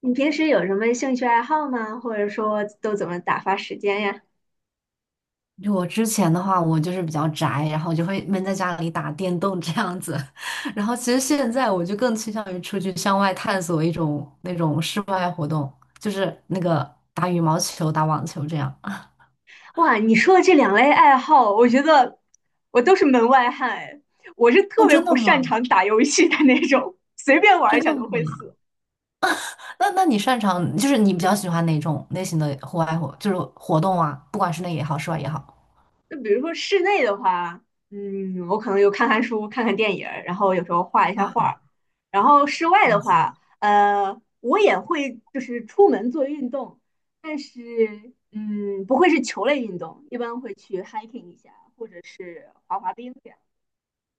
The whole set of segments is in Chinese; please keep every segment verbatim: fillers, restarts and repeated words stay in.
你平时有什么兴趣爱好吗？或者说都怎么打发时间呀？就我之前的话，我就是比较宅，然后就会闷在家里打电动这样子。然后其实现在我就更倾向于出去向外探索一种那种室外活动，就是那个打羽毛球、打网球这样。哇，你说的这两类爱好，我觉得我都是门外汉哎，我是哦，特别真的不吗？擅长打游戏的那种，随便玩一真下的吗？都会死。那那你擅长，就是你比较喜欢哪种类型的户外活，就是活动啊，不管室内也好，室外也好。就比如说室内的话，嗯，我可能有看看书、看看电影儿，然后有时候画一下画啊，儿。然后室外的话，呃，我也会就是出门做运动，但是嗯，不会是球类运动，一般会去 hiking 一下，或者是滑滑冰这样。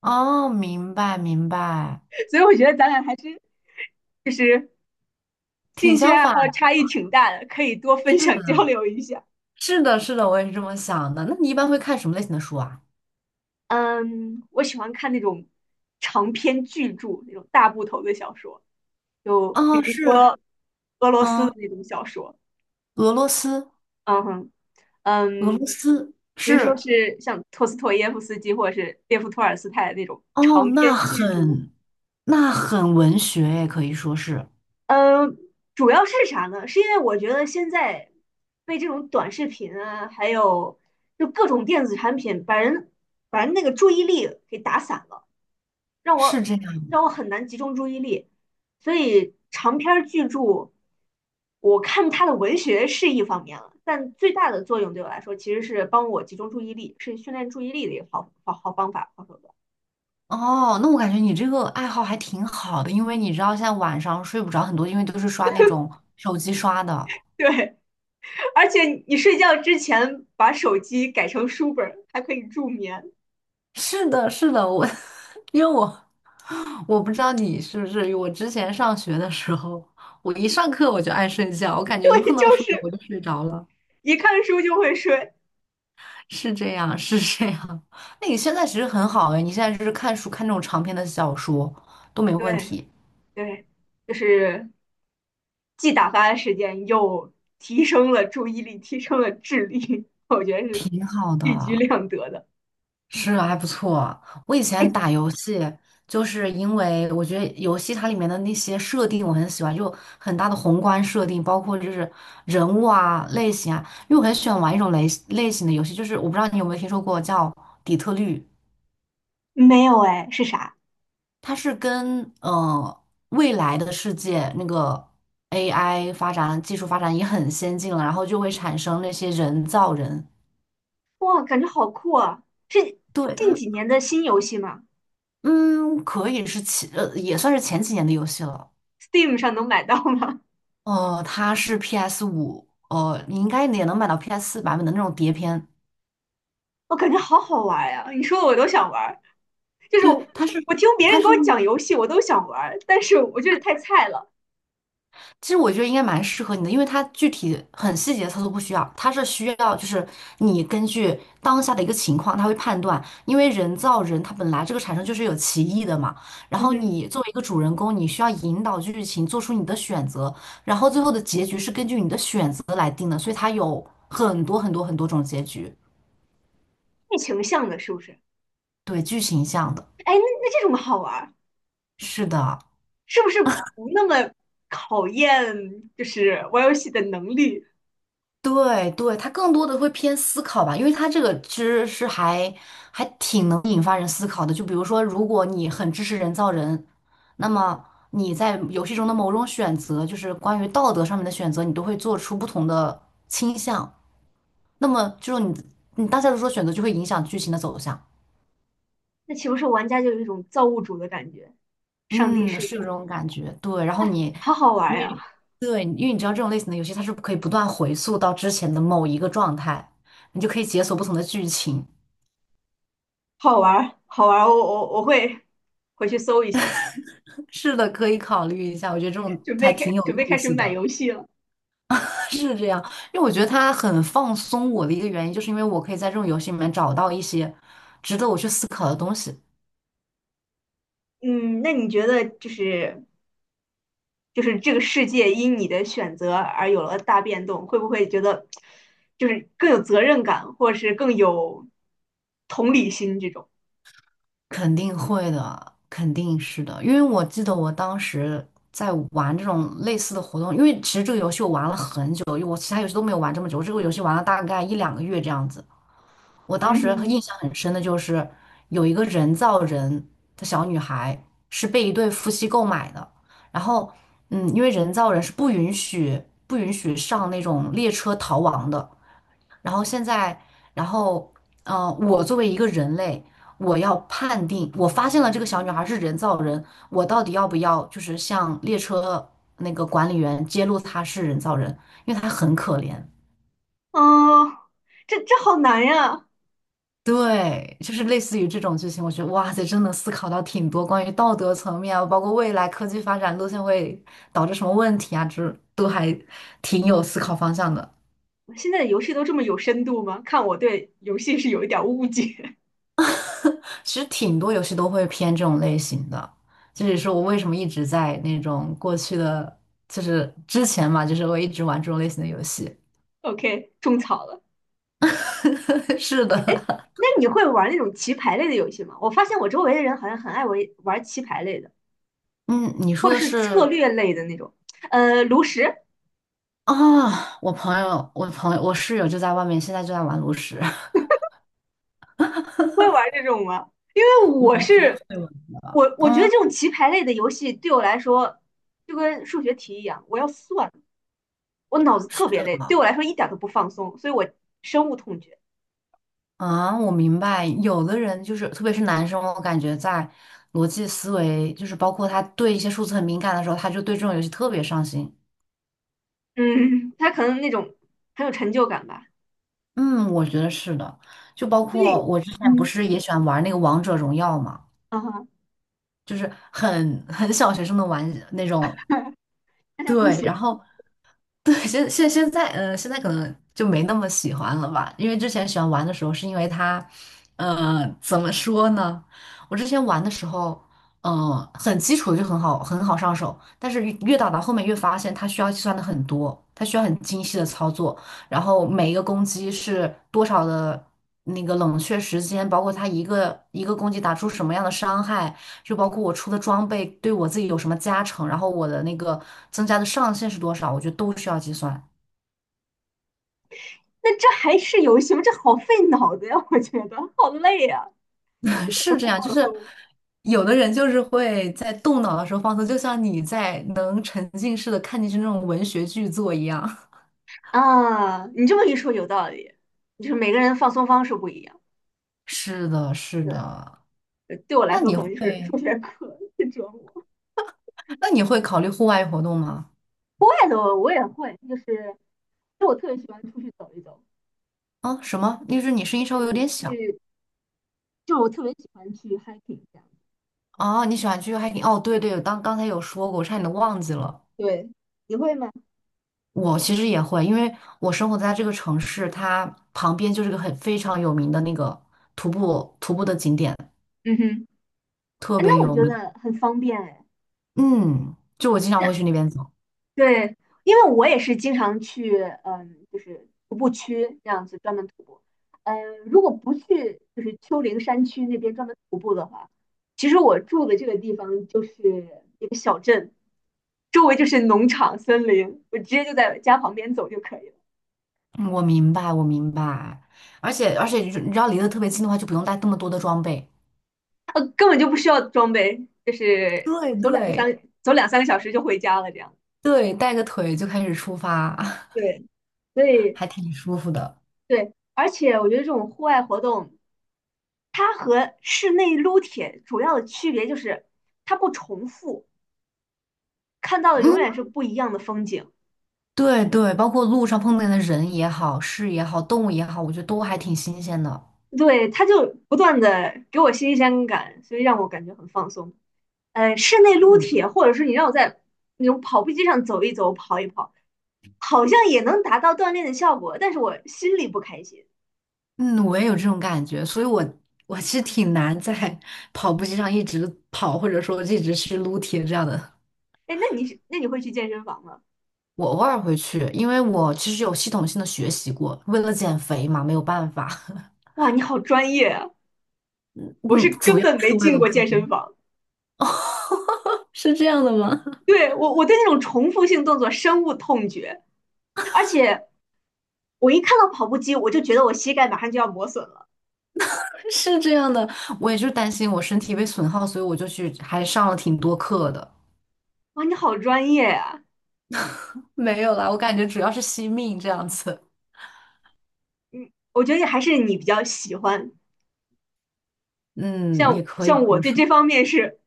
哦，明白明白，所以我觉得咱俩还真是挺兴趣相爱反，好差异挺大的，可以多分是的，享交流一下。是的，是的，我也是这么想的。那你一般会看什么类型的书啊？嗯，我喜欢看那种长篇巨著，那种大部头的小说。就比哦，如是，说俄罗斯的嗯，那种小说，俄罗斯，嗯哼，俄嗯，罗斯比如说是，是像托斯托耶夫斯基或者是列夫托尔斯泰的那种哦，长那篇巨著。很，那很文学也可以说是嗯，主要是啥呢？是因为我觉得现在被这种短视频啊，还有就各种电子产品，把人把人那个注意力给打散了。让我是这样。让我很难集中注意力。所以长篇儿巨著，我看它的文学是一方面了，但最大的作用对我来说其实是帮我集中注意力，是训练注意力的一个好好好方法、好手段。哦，那我感觉你这个爱好还挺好的，因为你知道现在晚上睡不着很多，因为都是刷那种手机刷的。对，而且你睡觉之前把手机改成书本儿，还可以助眠。是的，是的，我，因为我我不知道你是不是，我之前上学的时候，我一上课我就爱睡觉，我感 觉一对，碰就到数学是我就睡着了。一看书就会睡。是这样，是这样。那你现在其实很好哎，你现在就是看书，看那种长篇的小说都没问对题，对，就是既打发了时间，又提升了注意力，提升了智力，我觉得是挺好一举的。两得的。是啊，还不错。我以前打游戏，就是因为我觉得游戏它里面的那些设定我很喜欢，就很大的宏观设定，包括就是人物啊、类型啊。因为我很喜欢玩一种类类型的游戏，就是我不知道你有没有听说过叫底特律。没有哎，是啥？它是跟呃未来的世界那个 A I 发展技术发展也很先进了，然后就会产生那些人造人。哇，感觉好酷啊！是对近它，几年的新游戏吗嗯，可以是前呃也算是前几年的游戏了。？Steam 上能买到吗？呃，它是 P S 五，呃，你应该也能买到 P S 四版本的那种碟片。我感觉好好玩呀、你说我都想玩儿，就是对，我它是我听别它人给是。我讲游戏，我都想玩儿，但是我就是太菜了。其实我觉得应该蛮适合你的，因为它具体很细节的操作不需要，它是需要就是你根据当下的一个情况，它会判断，因为人造人它本来这个产生就是有歧义的嘛，然嗯后哼，你作为一个主人公，你需要引导剧情做出你的选择，然后最后的结局是根据你的选择来定的，所以它有很多很多很多种结局，剧情向的是不是？对，剧情向的，哎，那那这种好玩儿，是的。是不是不那么考验就是玩游戏的能力？对对，它更多的会偏思考吧，因为它这个其实是还还挺能引发人思考的。就比如说，如果你很支持人造人，那么你在游戏中的某种选择，就是关于道德上面的选择，你都会做出不同的倾向。那么就是你你大家都说选择就会影响剧情的走向。那岂不是玩家就有一种造物主的感觉，上帝嗯，视是有角，这种感觉。对，然后你好好玩因呀，为对，因为你知道这种类型的游戏，它是可以不断回溯到之前的某一个状态，你就可以解锁不同的剧情。好玩好玩我我我会回去搜一下，是的，可以考虑一下。我觉得这种准还备开挺有准备意开始思买的，游戏了。是这样。因为我觉得它很放松我的一个原因，就是因为我可以在这种游戏里面找到一些值得我去思考的东西。嗯，那你觉得就是就是这个世界因你的选择而有了大变动，会不会觉得就是更有责任感，或者是更有同理心这种？肯定会的，肯定是的。因为我记得我当时在玩这种类似的活动，因为其实这个游戏我玩了很久，因为我其他游戏都没有玩这么久，我这个游戏玩了大概一两个月这样子。我嗯当时哼，印象很深的就是有一个人造人的小女孩是被一对夫妻购买的，然后嗯，因为人造人是不允许不允许上那种列车逃亡的，然后现在，然后嗯、呃我作为一个人类，我要判定我发现了这个小女孩是人造人，我到底要不要就是向列车那个管理员揭露她是人造人，因为她很可怜。嗯，这这好难呀！对，就是类似于这种剧情，我觉得哇塞，真的思考到挺多关于道德层面啊，包括未来科技发展路线会导致什么问题啊，这都还挺有思考方向的。现在的游戏都这么有深度吗？看我对游戏是有一点儿误解。其实挺多游戏都会偏这种类型的，这也是我为什么一直在那种过去的，就是之前嘛，就是我一直玩这种类型的游戏。OK,种草了。是的，那你会玩那种棋牌类的游戏吗？我发现我周围的人好像很爱玩玩棋牌类的，嗯，你或说者的是策是略类的那种。呃，炉石啊，我朋友，我朋友，我室友就在外面，现在就在玩炉石，会玩这种吗？因为我我其实是会玩的。我，我觉得嗯。这种棋牌类的游戏对我来说就跟数学题一样，我要算，我脑子是特别的累，对我来说一点儿都不放松，所以我深恶痛绝。啊，我明白。有的人就是，特别是男生，我感觉在逻辑思维，就是包括他对一些数字很敏感的时候，他就对这种游戏特别上心。嗯，他可能那种很有成就感吧。嗯，我觉得是的。就包所括以，我之前不嗯，是也喜欢玩那个王者荣耀嘛，啊哈，就是很很小学生的玩那种。大家都对，喜然后对，现现现在，嗯，现在可能就没那么喜欢了吧，因为之前喜欢玩的时候，是因为它，呃，怎么说呢？我之前玩的时候，嗯、很基础就很好，很好上手，但是越越打到后面越发现它需要计算的很多，它需要很精细的操作，然后每一个攻击是多少的那个冷却时间，包括它一个一个攻击打出什么样的伤害，就包括我出的装备对我自己有什么加成，然后我的那个增加的上限是多少，我觉得都需要计算。那这还是游戏吗？这好费脑子呀，我觉得好累呀，是这不样，就放是松。有的人就是会在动脑的时候放松，就像你在能沉浸式的看进去那种文学巨作一样。啊，你这么一说有道理，就是每个人放松方式不一样。是的，是对，的。呃对我来那说你可能就是会，数学课是折磨，那你会考虑户外活动吗？户外的我也会，就是就我特别喜欢出去走一走，啊，什么？就是你声音稍微有点小。去就是我特别喜欢去 hiking 这样。啊。你喜欢去 hiking？哦，对对，刚刚才有说过，我差点都忘记了。对，你会吗？我其实也会，因为我生活在这个城市，它旁边就是个很非常有名的那个徒步徒步的景点，嗯哼，特哎，别那我有觉名。得很方便哎。嗯，就我经常会去那边走。对，因为我也是经常去，嗯，就是徒步区这样子专门徒步。嗯，如果不去就是丘陵山区那边专门徒步的话，其实我住的这个地方就是一个小镇，周围就是农场、森林，我直接就在家旁边走就可以了，嗯我明白，我明白。而且而且，你知道离得特别近的话，就不用带那么多的装备。呃，根本就不需要装备，就是对走两个对三走两三个小时就回家了这样。对，带个腿就开始出发，对，所 以还挺舒服的。对，而且我觉得这种户外活动。它和室内撸铁主要的区别就是它不重复，看到的永嗯，远是不一样的风景。对对，包括路上碰见的人也好，事也好，动物也好，我觉得都还挺新鲜的。对，它就不断的给我新鲜感，所以让我感觉很放松。呃，室内撸嗯。铁，或者是你让我在那种跑步机上走一走、跑一跑，好像也能达到锻炼的效果，但是我心里不开心。嗯，我也有这种感觉，所以我我其实挺难在 跑步机上一直跑，或者说一直去撸铁这样的。哎，那你是那你会去健身房吗？我偶尔会去，因为我其实有系统性的学习过，为了减肥嘛，没有办法。哇，你好专业啊！我嗯，是主根要本没是为进了过减健肥。身房。是这样的吗？对，我，我对那种重复性动作深恶痛绝，而且我一看到跑步机，我就觉得我膝盖马上就要磨损了。是这样的，我也就担心我身体被损耗，所以我就去还上了挺多课的。哇，你好专业呀！没有啦，我感觉主要是惜命这样子。嗯，我觉得还是你比较喜欢，嗯，像也可以像这我么对说，这方面是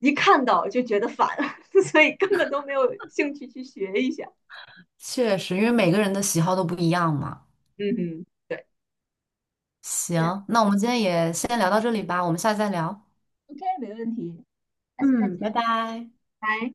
一看到就觉得烦，所以根本都没有兴趣去学一下。确实，因为每个人的喜好都不一样嘛。嗯哼，对，那 行，那我们今天也先聊到这里吧，我们下次再聊。OK,没问题，下次再嗯，见。拜拜。拜。